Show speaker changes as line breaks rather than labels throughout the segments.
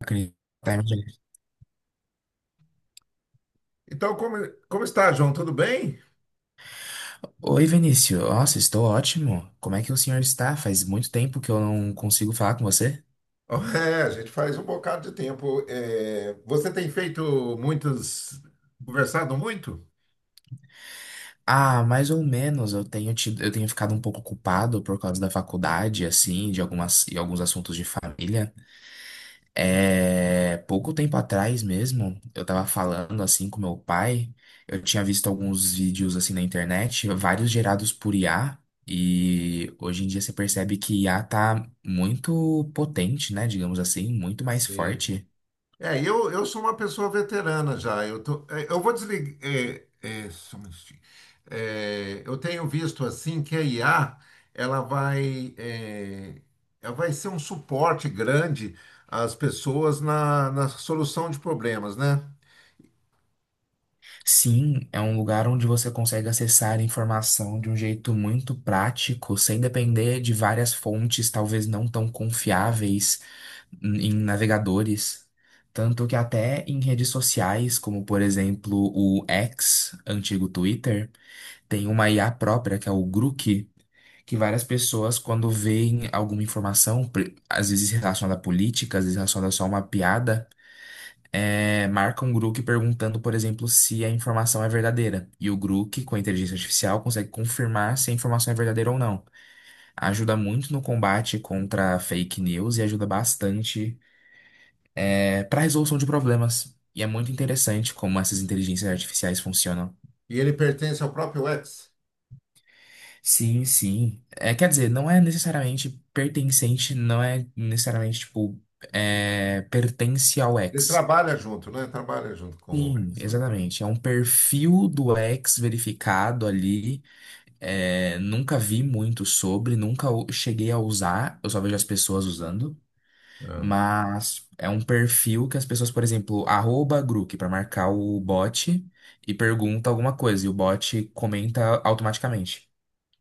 Acredito. Tá.
Então, como está, João? Tudo bem?
Oi, Vinícius. Nossa, estou ótimo. Como é que o senhor está? Faz muito tempo que eu não consigo falar com você.
É, a gente faz um bocado de tempo. É, você tem conversado muito?
Ah, mais ou menos. Eu tenho ficado um pouco ocupado por causa da faculdade, assim, de algumas e alguns assuntos de família. É, pouco tempo atrás mesmo, eu tava falando assim com meu pai, eu tinha visto alguns vídeos assim na internet, vários gerados por IA, e hoje em dia você percebe que IA tá muito potente, né, digamos assim, muito mais
Sim.
forte.
É, eu sou uma pessoa veterana já. Eu vou desligar. Só um minutinho. É, eu tenho visto assim que a IA ela vai, é, ela vai ser um suporte grande às pessoas na solução de problemas, né?
Sim, é um lugar onde você consegue acessar informação de um jeito muito prático, sem depender de várias fontes, talvez não tão confiáveis. Em navegadores, tanto que até em redes sociais, como por exemplo o X, antigo Twitter, tem uma IA própria, que é o Grok, que várias pessoas, quando veem alguma informação, às vezes relacionada à política, às vezes relacionada só a uma piada, marcam o Grok perguntando, por exemplo, se a informação é verdadeira. E o Grok, com a inteligência artificial, consegue confirmar se a informação é verdadeira ou não. Ajuda muito no combate contra fake news e ajuda bastante para resolução de problemas. E é muito interessante como essas inteligências artificiais funcionam.
E ele pertence ao próprio X.
Sim, sim. É, quer dizer, não é necessariamente pertencente, não é necessariamente, tipo, pertence ao
Ele
X.
trabalha junto, né? Trabalha junto com o
Sim,
X, né?
exatamente. É um perfil do X verificado ali. É, nunca vi muito sobre, nunca o- cheguei a usar, eu só vejo as pessoas usando.
É.
Mas é um perfil que as pessoas, por exemplo, arroba Grok para marcar o bot e pergunta alguma coisa e o bot comenta automaticamente.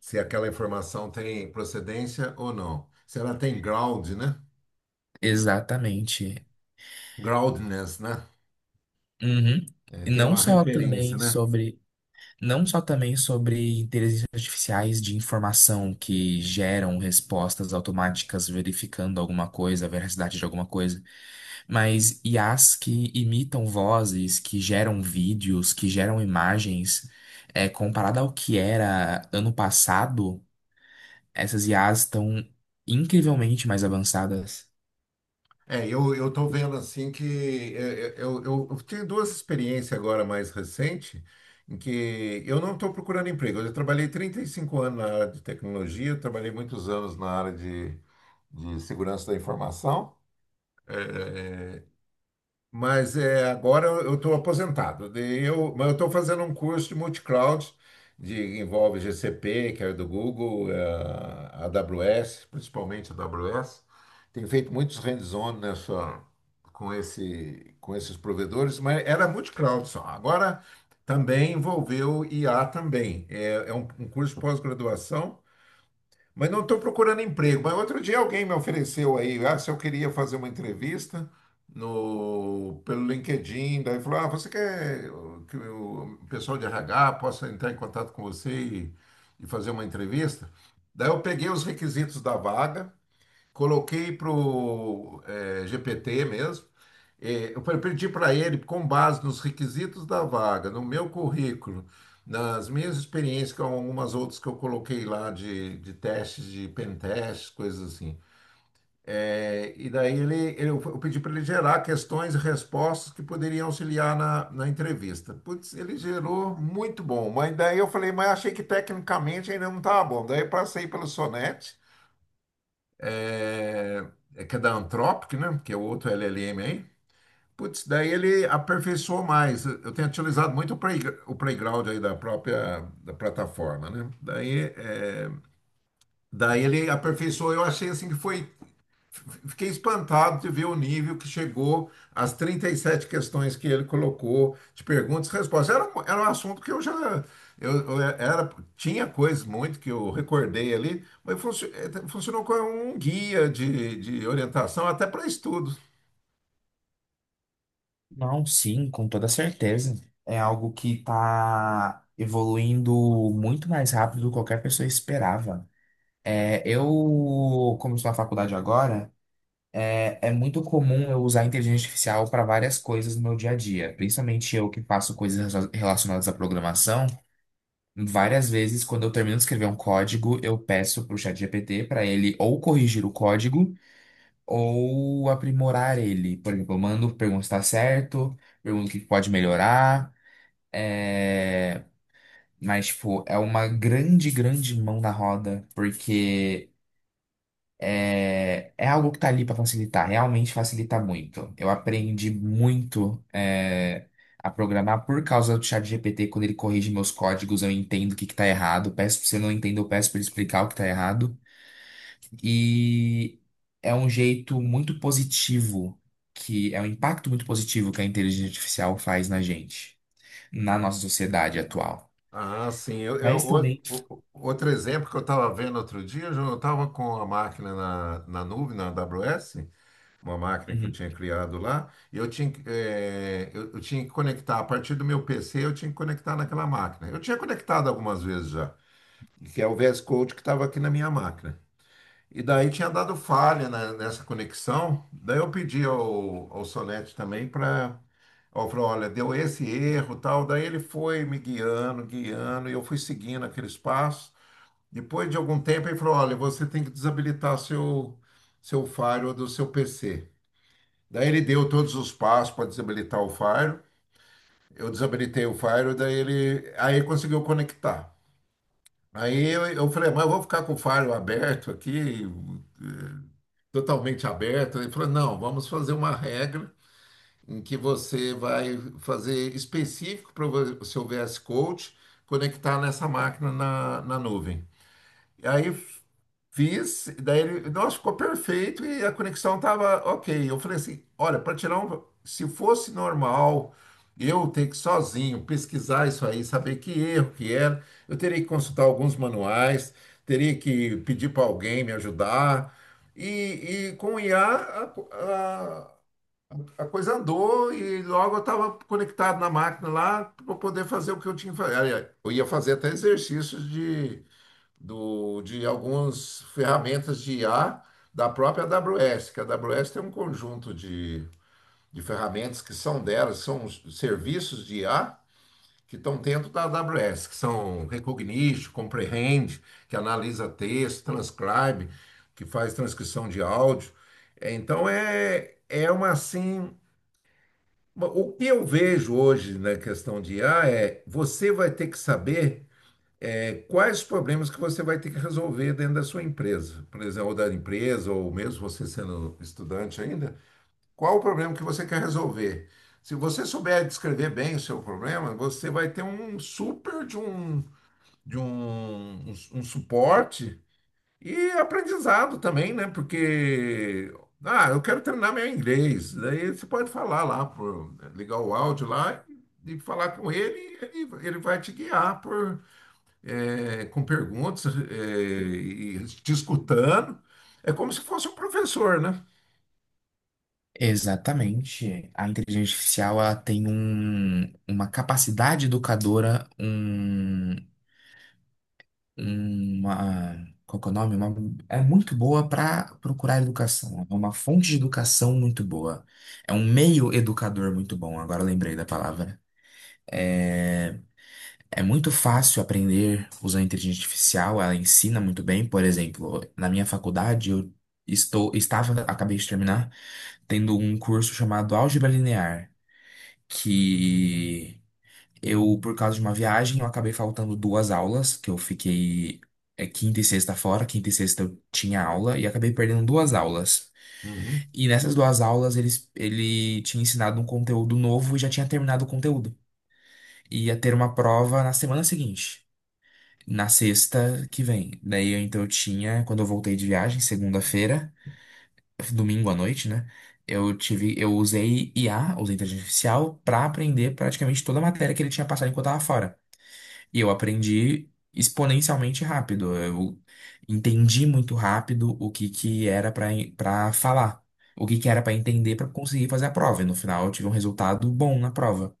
Se aquela informação tem procedência ou não. Se ela tem ground, né?
Exatamente.
Groundness, né?
Uhum.
É,
E
tem
não
uma
só
referência,
também
né?
sobre Não só também sobre inteligências artificiais de informação que geram respostas automáticas verificando alguma coisa, a veracidade de alguma coisa, mas IAs que imitam vozes, que geram vídeos, que geram imagens. É, comparado ao que era ano passado, essas IAs estão incrivelmente mais avançadas.
É, eu tô vendo assim que eu tenho duas experiências agora mais recente em que eu não estou procurando emprego. Eu já trabalhei 35 anos na área de tecnologia, eu trabalhei muitos anos na área de segurança da informação. Mas agora eu estou aposentado. Daí mas eu estou fazendo um curso de multicloud, que envolve GCP, que é do Google, AWS, principalmente a AWS. Tenho feito muitos hands-on nessa, com esses provedores, mas era multicloud só. Agora também envolveu IA também. É, é um curso de pós-graduação, mas não estou procurando emprego. Mas outro dia alguém me ofereceu aí, ah, se eu queria fazer uma entrevista no, pelo LinkedIn. Daí falou, ah, você quer que o pessoal de RH possa entrar em contato com você e fazer uma entrevista? Daí eu peguei os requisitos da vaga. Coloquei para o GPT mesmo. Eu pedi para ele, com base nos requisitos da vaga, no meu currículo, nas minhas experiências com algumas outras que eu coloquei lá de testes, de pen testes, coisas assim. E daí eu pedi para ele gerar questões e respostas que poderiam auxiliar na entrevista. Putz, ele gerou muito bom, mas daí eu falei, mas achei que tecnicamente ainda não estava bom. Daí eu passei pelo Sonnet, é, que é da Anthropic, né? Que é outro LLM aí. Putz, daí ele aperfeiçoou mais. Eu tenho utilizado muito o playground aí da própria da plataforma, né? Daí ele aperfeiçoou. Eu achei assim que foi Fiquei espantado de ver o nível que chegou às 37 questões que ele colocou, de perguntas e respostas. Era um assunto que eu já. Eu, eu era, tinha coisas muito que eu recordei ali, mas funcionou como um guia de orientação até para estudos.
Não, sim, com toda certeza. É algo que está evoluindo muito mais rápido do que qualquer pessoa esperava. É, eu, comecei, estou na faculdade agora, é, é muito comum eu usar a inteligência artificial para várias coisas no meu dia a dia. Principalmente eu que faço coisas relacionadas à programação. Várias vezes, quando eu termino de escrever um código, eu peço para o GPT para ele ou corrigir o código ou aprimorar ele. Por exemplo, eu mando, pergunto se está certo, pergunto o que pode melhorar. é, Mas, tipo, é uma grande mão na roda, porque. É, é algo que tá ali para facilitar, realmente facilita muito. Eu aprendi muito a programar por causa do ChatGPT, quando ele corrige meus códigos, eu entendo o que que tá errado. Peço, se eu não entendo, eu peço para ele explicar o que tá errado. E é um jeito muito positivo, que é um impacto muito positivo que a inteligência artificial faz na gente, na nossa sociedade atual.
Ah, sim. Eu, eu-
Mas
o-
também.
o- outro exemplo que eu estava vendo outro dia, eu estava com a máquina na nuvem, na AWS, uma máquina que eu tinha criado lá, e eu tinha que conectar, a partir do meu PC, eu tinha que conectar naquela máquina. Eu tinha conectado algumas vezes já, que é o VS Code que estava aqui na minha máquina. E daí tinha dado falha nessa conexão, daí eu pedi ao Solete também para. Eu falei, olha, deu esse erro, tal. Daí ele foi me guiando, guiando, e eu fui seguindo aqueles passos. Depois de algum tempo, ele falou, olha, você tem que desabilitar seu firewall do seu PC. Daí ele deu todos os passos para desabilitar o Fire. Eu desabilitei o Fire, daí ele aí conseguiu conectar. Aí eu falei, mas eu vou ficar com o Fire aberto aqui, totalmente aberto. Ele falou, não, vamos fazer uma regra em que você vai fazer específico para o seu VS Code conectar nessa máquina na nuvem. E aí fiz, e daí ele, nossa, ficou perfeito e a conexão tava ok. Eu falei assim, olha, se fosse normal eu ter que sozinho pesquisar isso aí, saber que erro que era, eu teria que consultar alguns manuais, teria que pedir para alguém me ajudar. E com o IA a coisa andou e logo eu estava conectado na máquina lá para poder fazer o que eu tinha que fazer. Aliás, eu ia fazer até exercícios de algumas ferramentas de IA da própria AWS, que a AWS tem um conjunto de ferramentas que são delas, são os serviços de IA que estão dentro da AWS, que são Recognition, Comprehend, que analisa texto, Transcribe, que faz transcrição de áudio. É, então é uma assim. O que eu vejo hoje na questão de IA é você vai ter que saber, quais problemas que você vai ter que resolver dentro da sua empresa? Por exemplo, ou da empresa, ou mesmo você sendo estudante ainda, qual o problema que você quer resolver? Se você souber descrever bem o seu problema, você vai ter um super de um suporte e aprendizado também, né? Porque, ah, eu quero treinar meu inglês. Daí você pode falar lá, ligar o áudio lá e falar com ele, e ele vai te guiar com perguntas, e discutando. É como se fosse um professor, né?
Exatamente. A inteligência artificial ela tem um- uma capacidade educadora, uma, qual que é o nome? É muito boa para procurar educação. É uma fonte de educação muito boa. É um meio educador muito bom. Agora eu lembrei da palavra. É, é muito fácil aprender usando a inteligência artificial, ela ensina muito bem. Por exemplo, na minha faculdade, eu acabei de terminar, tendo um curso chamado Álgebra Linear. Que eu, por causa de uma viagem, eu acabei faltando duas aulas, que eu fiquei quinta e sexta fora, quinta e sexta eu tinha aula e acabei perdendo duas aulas.
Uhum.
E nessas duas aulas ele tinha ensinado um conteúdo novo e já tinha terminado o conteúdo. E ia ter uma prova na semana seguinte, na sexta que vem. Então eu tinha, quando eu voltei de viagem, segunda-feira, domingo à noite, né? Eu usei IA, usei inteligência artificial, pra aprender praticamente toda a matéria que ele tinha passado enquanto eu estava fora. E eu aprendi exponencialmente rápido. Eu entendi muito rápido o que que era pra para falar, o que que era pra entender pra conseguir fazer a prova. E no final eu tive um resultado bom na prova.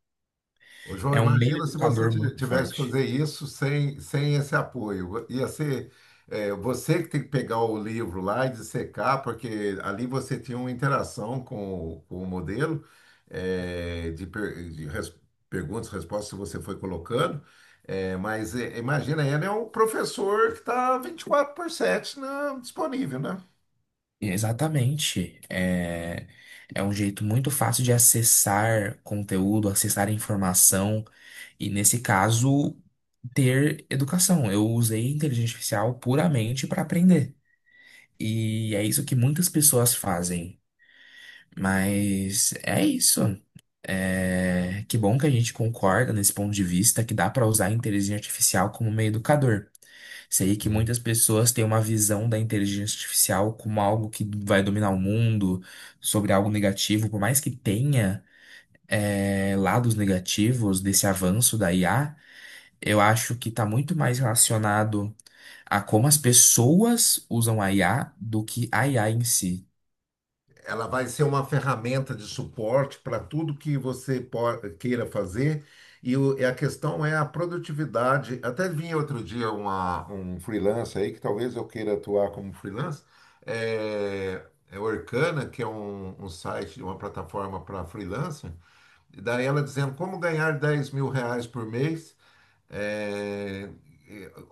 Ô, João,
É um meio
imagina se você
educador muito
tivesse que
forte.
fazer isso sem esse apoio. Você que tem que pegar o livro lá e dissecar, porque ali você tinha uma interação com o modelo, de perguntas, e respostas que você foi colocando. Mas imagina, ele é um professor que está 24/7 disponível, né?
Exatamente. É, é um jeito muito fácil de acessar conteúdo, acessar informação e, nesse caso, ter educação. Eu usei inteligência artificial puramente para aprender. E é isso que muitas pessoas fazem. Mas é isso. É, que bom que a gente concorda nesse ponto de vista que dá para usar a inteligência artificial como meio educador. Sei que
Sim.
muitas pessoas têm uma visão da inteligência artificial como algo que vai dominar o mundo, sobre algo negativo, por mais que tenha lados negativos desse avanço da IA, eu acho que está muito mais relacionado a como as pessoas usam a IA do que a IA em si.
Ela vai ser uma ferramenta de suporte para tudo que você queira fazer. E a questão é a produtividade. Até vi outro dia um freelancer aí, que talvez eu queira atuar como freelancer. É o Orkana, que é um site, uma plataforma para freelancer. E daí ela dizendo como ganhar R$ 10.000 por mês. é,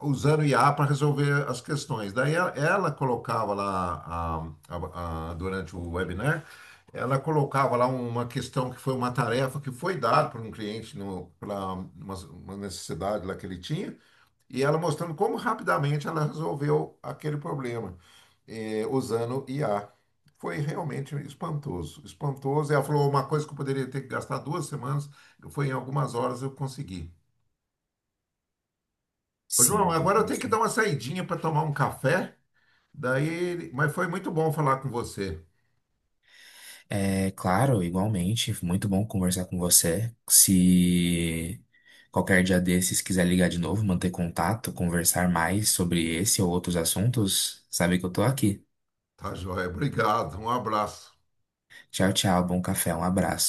Usando IA para resolver as questões. Daí ela colocava lá, durante o webinar, ela colocava lá uma questão que foi uma tarefa que foi dada por um cliente, para uma necessidade lá que ele tinha, e ela mostrando como rapidamente ela resolveu aquele problema, usando IA. Foi realmente espantoso, espantoso. Ela falou uma coisa que eu poderia ter que gastar 2 semanas, foi em algumas horas eu consegui. Ô, João,
Sim.
agora eu tenho que dar uma saidinha para tomar um café. Daí, mas foi muito bom falar com você.
É claro, igualmente, muito bom conversar com você. Se qualquer dia desses quiser ligar de novo, manter contato, conversar mais sobre esse ou outros assuntos, sabe que eu tô aqui.
Tá, joia? Obrigado. Um abraço.
Tchau, tchau, bom café, um abraço.